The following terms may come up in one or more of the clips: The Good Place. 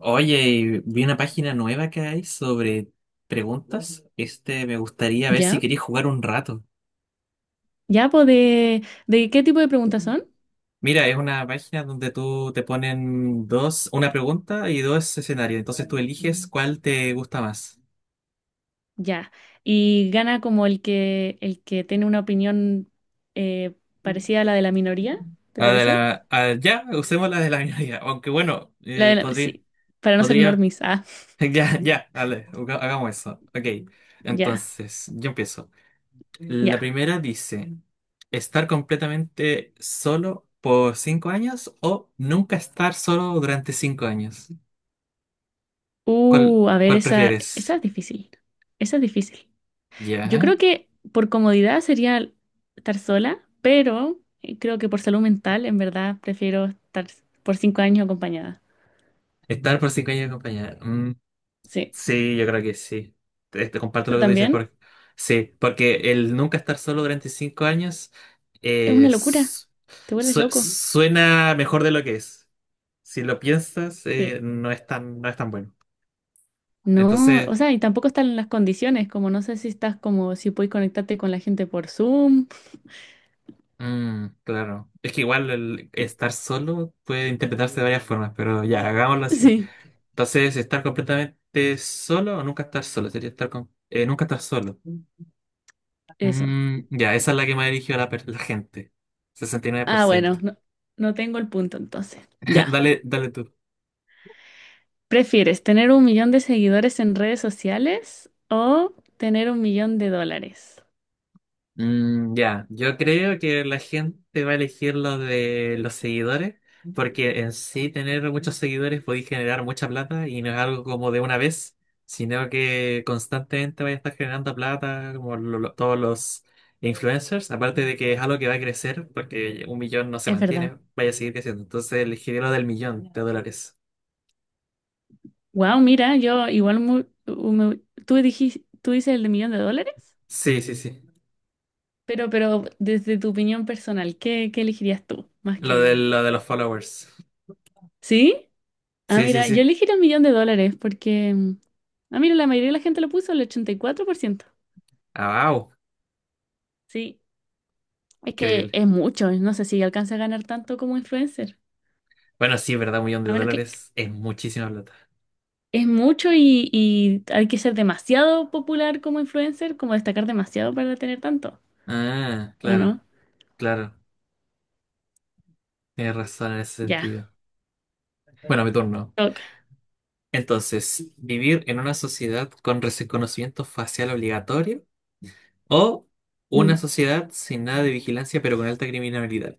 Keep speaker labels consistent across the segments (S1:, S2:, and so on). S1: Oye, y vi una página nueva que hay sobre preguntas. Me gustaría ver si
S2: ¿Ya?
S1: querías jugar un rato.
S2: ¿Ya? Pues de qué tipo de preguntas son?
S1: Mira, es una página donde tú te ponen dos, una pregunta y dos escenarios. Entonces tú eliges cuál te gusta más.
S2: Ya. Y gana como el que tiene una opinión eh, parecida a la de la minoría, ¿te parece?
S1: Ah, ya, usemos la de la minoría. Aunque bueno,
S2: La de la,
S1: podría,
S2: sí, para no ser
S1: podría.
S2: normis. Ah,
S1: Ya, ya, dale, hagamos eso. Ok,
S2: ya,
S1: entonces, yo empiezo. La
S2: ya.
S1: primera dice, estar completamente solo por 5 años o nunca estar solo durante 5 años. ¿Cuál,
S2: A ver,
S1: cuál
S2: esa
S1: prefieres?
S2: es difícil. Esa es difícil. Yo
S1: ¿Ya?
S2: creo que por comodidad sería estar sola, pero creo que por salud mental, en verdad, prefiero estar por 5 años acompañada.
S1: Estar por 5 años acompañada. Mm,
S2: Sí.
S1: sí, yo creo que sí. Te comparto
S2: ¿Tú
S1: lo que tú dices.
S2: también?
S1: Porque, sí, porque el nunca estar solo durante cinco años
S2: Es una locura.
S1: es-
S2: Te vuelves loco.
S1: suena mejor de lo que es. Si lo piensas,
S2: Sí.
S1: no es tan bueno.
S2: No,
S1: Entonces.
S2: o sea, y tampoco están las condiciones, como no sé si estás como si puedes conectarte con la gente por Zoom.
S1: Mm, claro. Es que igual el
S2: Y-
S1: estar solo puede interpretarse de varias formas, pero ya, hagámoslo así.
S2: Sí,
S1: Entonces, estar completamente solo o nunca estar solo, sería estar con, nunca estar solo.
S2: eso.
S1: Mm, ya, esa es la que me ha dirigido la gente. sesenta y nueve por
S2: Ah, bueno,
S1: ciento
S2: no, no tengo el punto entonces. Ya.
S1: Dale, dale tú.
S2: ¿Prefieres tener un millón de seguidores en redes sociales o tener un millón de dólares?
S1: Mm, ya, yo creo que la gente va a elegir lo de los seguidores, porque en sí tener muchos seguidores puede generar mucha plata y no es algo como de una vez, sino que constantemente vaya a estar generando plata, como todos los influencers, aparte de que es algo que va a crecer, porque un millón no se
S2: Es verdad.
S1: mantiene, vaya a seguir creciendo. Entonces elegiría lo del millón de dólares.
S2: Wow, mira, yo igual mu- u- me- tú dijiste, tú dices el de millón de dólares,
S1: Sí, sí, sí.
S2: pero desde tu opinión personal, ¿qué, qué elegirías tú? Más
S1: Lo de,
S2: que...
S1: lo de los followers.
S2: ¿Sí? Ah,
S1: Sí, sí,
S2: mira, yo
S1: sí.
S2: elegí el millón de dólares porque, ah, mira, la mayoría de la gente lo puso, el 84%.
S1: Ah, wow.
S2: Sí, es que
S1: Increíble.
S2: es mucho, no sé si alcanza a ganar tanto como influencer,
S1: Bueno, sí, es verdad, un millón de
S2: a menos que
S1: dólares es muchísima plata.
S2: es mucho y hay que ser demasiado popular como influencer, como destacar demasiado para tener tanto,
S1: Ah,
S2: ¿o
S1: claro,
S2: no?
S1: claro. Tienes razón en ese
S2: Ya,
S1: sentido. Bueno, mi turno.
S2: toca.
S1: Entonces, ¿vivir en una sociedad con reconocimiento facial obligatorio o una
S2: Mm.
S1: sociedad sin nada de vigilancia pero con alta criminalidad?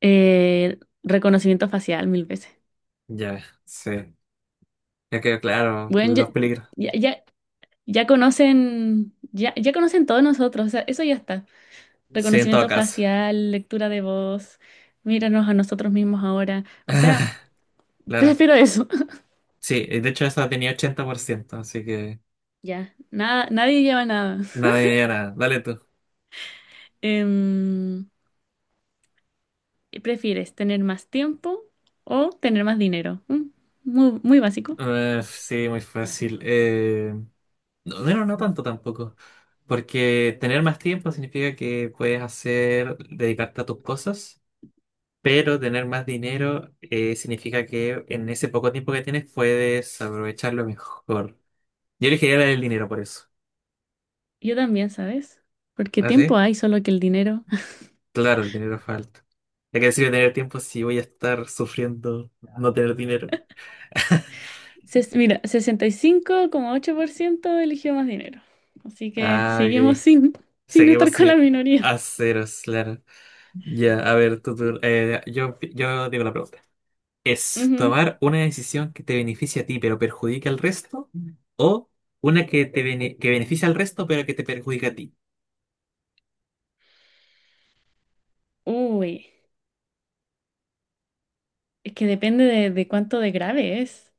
S2: Eh, reconocimiento facial mil veces.
S1: Ya, sí. Ya quedó claro
S2: Bueno,
S1: los
S2: ya,
S1: peligros.
S2: ya, ya, ya conocen todos nosotros, o sea, eso ya está.
S1: Sí, en todo
S2: Reconocimiento
S1: caso.
S2: facial, lectura de voz, míranos a nosotros mismos ahora. O sea,
S1: Claro.
S2: prefiero eso.
S1: Sí, de hecho esa tenía 80%, así que
S2: Ya, nada, nadie lleva nada.
S1: nada, nada. Dale tú.
S2: Em, ¿Prefieres tener más tiempo o tener más dinero? Mm, muy, muy básico.
S1: Sí, muy fácil. No, bueno, no tanto tampoco. Porque tener más tiempo significa que puedes hacer, dedicarte a tus cosas, pero tener más dinero significa que en ese poco tiempo que tienes puedes aprovecharlo mejor. Yo elegiría el dinero por eso.
S2: Yo también, ¿sabes? Porque
S1: ¿Ah,
S2: tiempo
S1: sí?
S2: hay, solo que el dinero.
S1: Claro, el dinero falta. ¿De qué sirve tener tiempo si voy a estar sufriendo no tener dinero?
S2: Ses- mira, 65,8% eligió más dinero. Así que
S1: Ah,
S2: seguimos
S1: ok.
S2: sin, sin estar
S1: Seguimos
S2: con la
S1: así
S2: minoría.
S1: a ceros, claro. Ya, a ver, tú, yo digo la pregunta. Es
S2: Ujú.
S1: tomar una decisión que te beneficie a ti pero perjudique al resto o una que beneficia al resto pero que te perjudica a ti.
S2: Uy, es que depende de cuánto de grave es.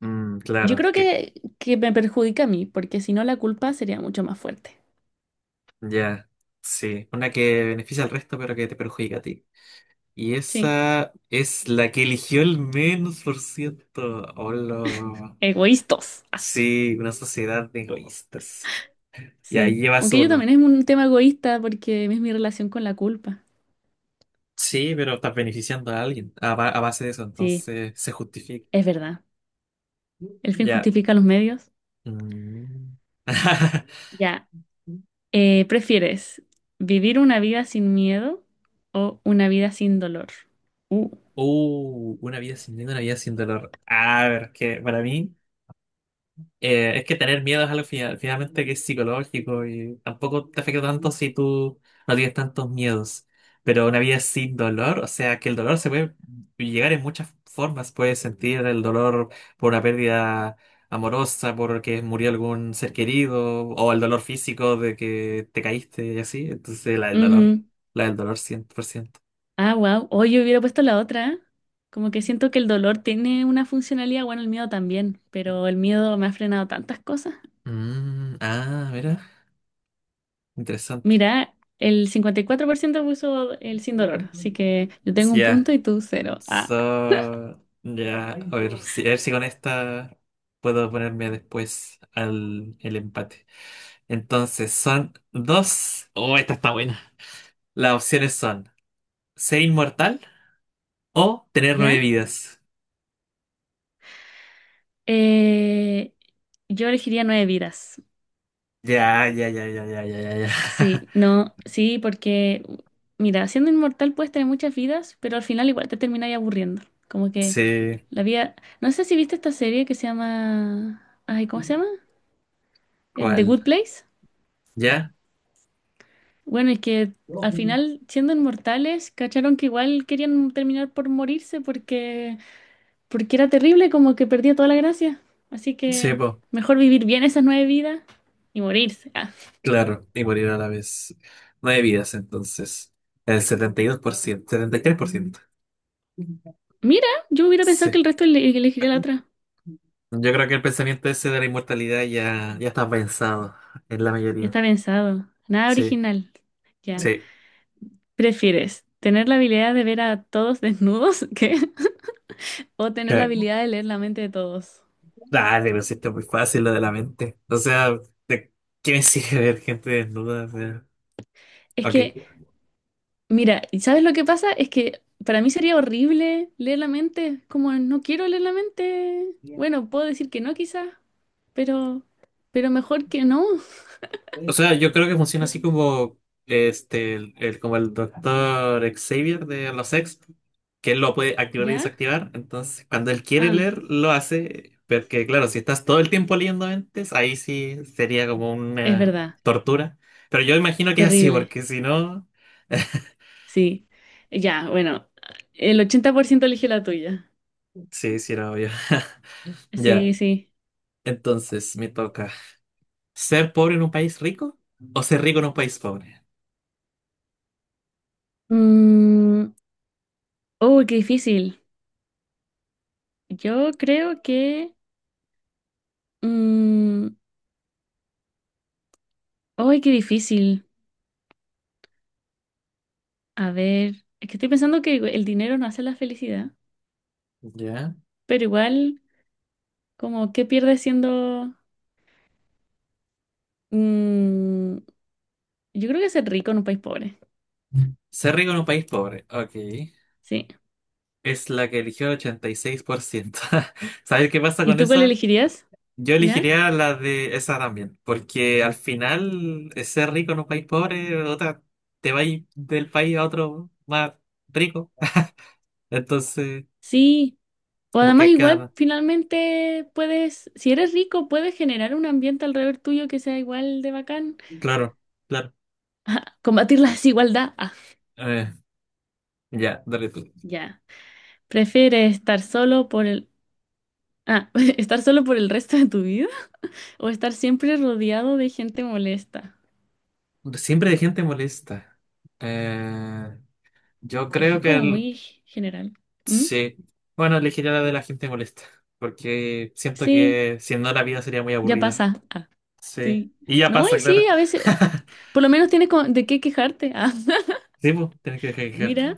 S1: Mm,
S2: Yo
S1: claro,
S2: creo
S1: que
S2: que me perjudica a mí, porque si no la culpa sería mucho más fuerte.
S1: ya, sí, una que beneficia al resto pero que te perjudica a ti. Y
S2: Sí,
S1: esa es la que eligió el menos por ciento. Hola.
S2: egoístos. Ah,
S1: Sí, una sociedad de egoístas. Y ahí
S2: sí,
S1: llevas
S2: aunque yo
S1: uno.
S2: también es un tema egoísta porque es mi relación con la culpa.
S1: Sí, pero estás beneficiando a alguien a base de eso,
S2: Sí,
S1: entonces se justifica.
S2: es verdad. El fin
S1: Ya.
S2: justifica los medios.
S1: Mm.
S2: Ya, ¿prefieres vivir una vida sin miedo o una vida sin dolor? Uh.
S1: Una vida sin miedo, una vida sin dolor. A ver, que para mí es que tener miedo es algo finalmente que es psicológico y tampoco te afecta tanto si tú no tienes tantos miedos. Pero una vida sin dolor, o sea, que el dolor se puede llegar en muchas formas. Puedes sentir el dolor por una pérdida amorosa, porque murió algún ser querido, o el dolor físico de que te caíste y así. Entonces,
S2: Ujú.
S1: la del dolor 100%.
S2: Ah, wow. Hoy yo hubiera puesto la otra, ¿eh? Como que siento que el dolor tiene una funcionalidad, bueno, el miedo también, pero el miedo me ha frenado tantas cosas.
S1: Mm, ah, mira, interesante.
S2: Mira, el 54% puso el sin dolor, así que yo tengo un
S1: Ya,
S2: punto y tú cero.
S1: so,
S2: Ah,
S1: ya, a ver si, con esta puedo ponerme después al el empate. Entonces, son dos. Oh, esta está buena. Las opciones son ser inmortal o tener nueve
S2: ¿ya?
S1: vidas.
S2: Eh, yo elegiría nueve vidas.
S1: Ya, ya, ya, ya, ya, ya, ya, ya.
S2: Sí, no, sí, porque, mira, siendo inmortal puedes tener muchas vidas, pero al final igual te terminas aburriendo. Como que
S1: Sí,
S2: la vida... No sé si viste esta serie que se llama... Ay, ¿cómo se llama? The
S1: ¿cuál?
S2: Good Place.
S1: ¿Ya?
S2: Bueno, es que al final, siendo inmortales, cacharon que igual querían terminar por morirse porque era terrible, como que perdía toda la gracia. Así
S1: Sí,
S2: que
S1: po,
S2: mejor vivir bien esas nueve vidas y morirse. Ah.
S1: claro, y morir a la vez. 9 vidas, entonces. El setenta y dos por ciento, setenta y tres por ciento.
S2: Mira, yo hubiera pensado que el
S1: Sí.
S2: resto ele- elegiría la otra.
S1: Yo creo que el pensamiento ese de la inmortalidad ya, ya está pensado en la
S2: Ya
S1: mayoría.
S2: está pensado, nada
S1: Sí,
S2: original. Ya.
S1: sí.
S2: ¿Prefieres tener la habilidad de ver a todos desnudos? ¿Qué? ¿O tener la
S1: Que-
S2: habilidad de leer la mente de todos?
S1: Dale, pero si esto es muy fácil lo de la mente. O sea, ¿de qué me sirve ver gente desnuda? O sea,
S2: Es
S1: ok.
S2: que, mira, ¿y ¿sabes lo que pasa? Es que para mí sería horrible leer la mente. Como no quiero leer la mente. Bueno, puedo decir que no quizás, pero, pero mejor que no.
S1: O sea, yo creo que funciona así como como el doctor Xavier de los X, que él lo puede activar y
S2: ¿Ya?
S1: desactivar. Entonces, cuando él quiere
S2: Ah,
S1: leer, lo hace. Porque, claro, si estás todo el tiempo leyendo mentes, ahí sí sería como
S2: es
S1: una
S2: verdad.
S1: tortura. Pero yo imagino que es así,
S2: Terrible.
S1: porque si no.
S2: Sí. Ya, bueno. El 80% eligió la tuya.
S1: Sí, sí, era obvio. Ya,
S2: Sí, sí.
S1: entonces me toca. ¿Ser pobre en un país rico o ser rico en un país pobre?
S2: Mm, uy, qué difícil. Yo creo que... mm, uy, qué difícil. A ver, es que estoy pensando que el dinero no hace la felicidad,
S1: Ya.
S2: pero igual, como, ¿qué pierdes siendo... mm, yo creo que ser rico en un país pobre.
S1: Ser rico en un país pobre, ok.
S2: Sí.
S1: Es la que eligió el 86%. ¿Sabes qué pasa
S2: ¿Y
S1: con
S2: tú cuál
S1: esa?
S2: elegirías?
S1: Yo
S2: ¿Ya?
S1: elegiría la de esa también, porque al final ser rico en un país pobre, otra, te vas del país a otro más rico. Entonces,
S2: Sí. O
S1: como
S2: además
S1: que
S2: igual
S1: queda,
S2: finalmente puedes, si eres rico, puedes generar un ambiente alrededor tuyo que sea igual de bacán.
S1: claro, claro.
S2: Combatir la desigualdad. Ah,
S1: Eh, ya, dale tú.
S2: ya. ¿Prefieres estar solo por el... ah, estar solo por el resto de tu vida o estar siempre rodeado de gente molesta?
S1: Siempre hay gente molesta. Eh, yo
S2: Es que
S1: creo
S2: es
S1: que
S2: como muy general. ¿Mm?
S1: sí. Bueno, elegiría la de la gente molesta, porque siento
S2: Sí,
S1: que si no la vida sería muy
S2: ya
S1: aburrida.
S2: pasa. Ah,
S1: Sí.
S2: sí.
S1: Y ya
S2: No, y
S1: pasa, claro.
S2: sí, a veces, por lo menos tienes con- de qué quejarte. Ah,
S1: Sí, pues, tienes que dejar de quejarte.
S2: mira,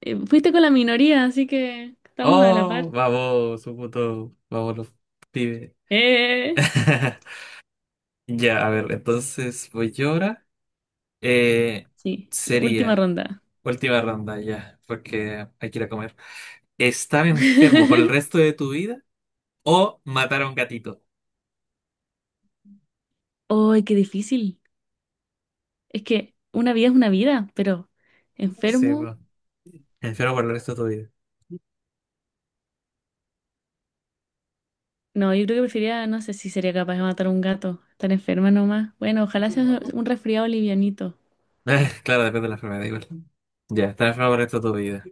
S2: fuiste con la minoría, así que estamos a la
S1: Oh,
S2: par.
S1: vamos, un punto. Vamos, los pibes.
S2: Eh.
S1: Ya, a ver, entonces voy yo ahora. Eh,
S2: Sí, última
S1: sería
S2: ronda.
S1: última ronda ya, porque hay que ir a comer. ¿Estar enfermo por el resto de tu vida o matar a un gatito?
S2: ¡Ay, qué difícil! Es que una vida es una vida, pero
S1: Sí, pues,
S2: enfermo.
S1: enfermo por el resto de tu vida.
S2: No, yo creo que preferiría, no sé si sería capaz de matar a un gato. Estar enferma nomás. Bueno, ojalá sea un resfriado livianito.
S1: Claro, depende de la enfermedad, igual. Ya, estar enfermo por el resto de tu vida.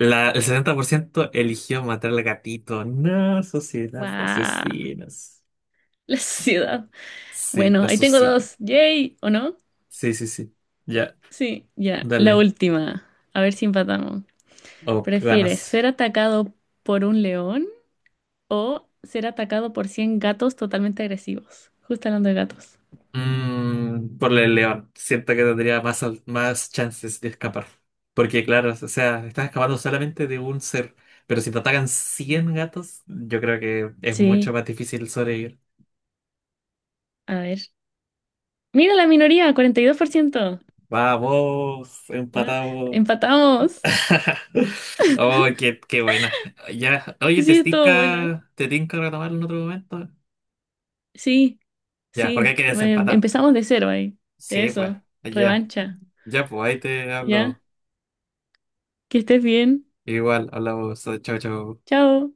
S1: El 70% eligió matar al gatito. No, sociedad de
S2: ¡Guau!
S1: asesinos.
S2: La ciudad.
S1: Sí,
S2: Bueno,
S1: la
S2: ahí tengo
S1: sociedad.
S2: dos. ¡Yay! ¿O no?
S1: Sí, sí, sí. Ya,
S2: Sí, ya. La
S1: dale.
S2: última. A ver si empatamos.
S1: O
S2: ¿Prefieres
S1: ganas.
S2: ser atacado por un león o ser atacado por 100 gatos totalmente agresivos? Justo hablando de gatos.
S1: Mm, por el león. Siento que tendría más chances de escapar. Porque, claro, o sea, estás escapando solamente de un ser. Pero si te atacan 100 gatos, yo creo que es mucho
S2: Sí.
S1: más difícil sobrevivir.
S2: A ver. Mira la minoría, 42%.
S1: Vamos,
S2: Bueno,
S1: empatado.
S2: empatamos.
S1: Oh, qué buena. Ya, oye, ¿te
S2: Sí, estuvo buena.
S1: tinca, te tinca retomar en otro momento?
S2: Sí,
S1: Ya, porque hay
S2: sí.
S1: que
S2: Bueno,
S1: desempatar.
S2: empezamos de cero ahí.
S1: Sí, pues,
S2: Eso.
S1: ya,
S2: Revancha.
S1: ya, pues, ahí te
S2: ¿Ya?
S1: hablo.
S2: Que estés bien.
S1: Igual, hablamos, chao, chao.
S2: Chao.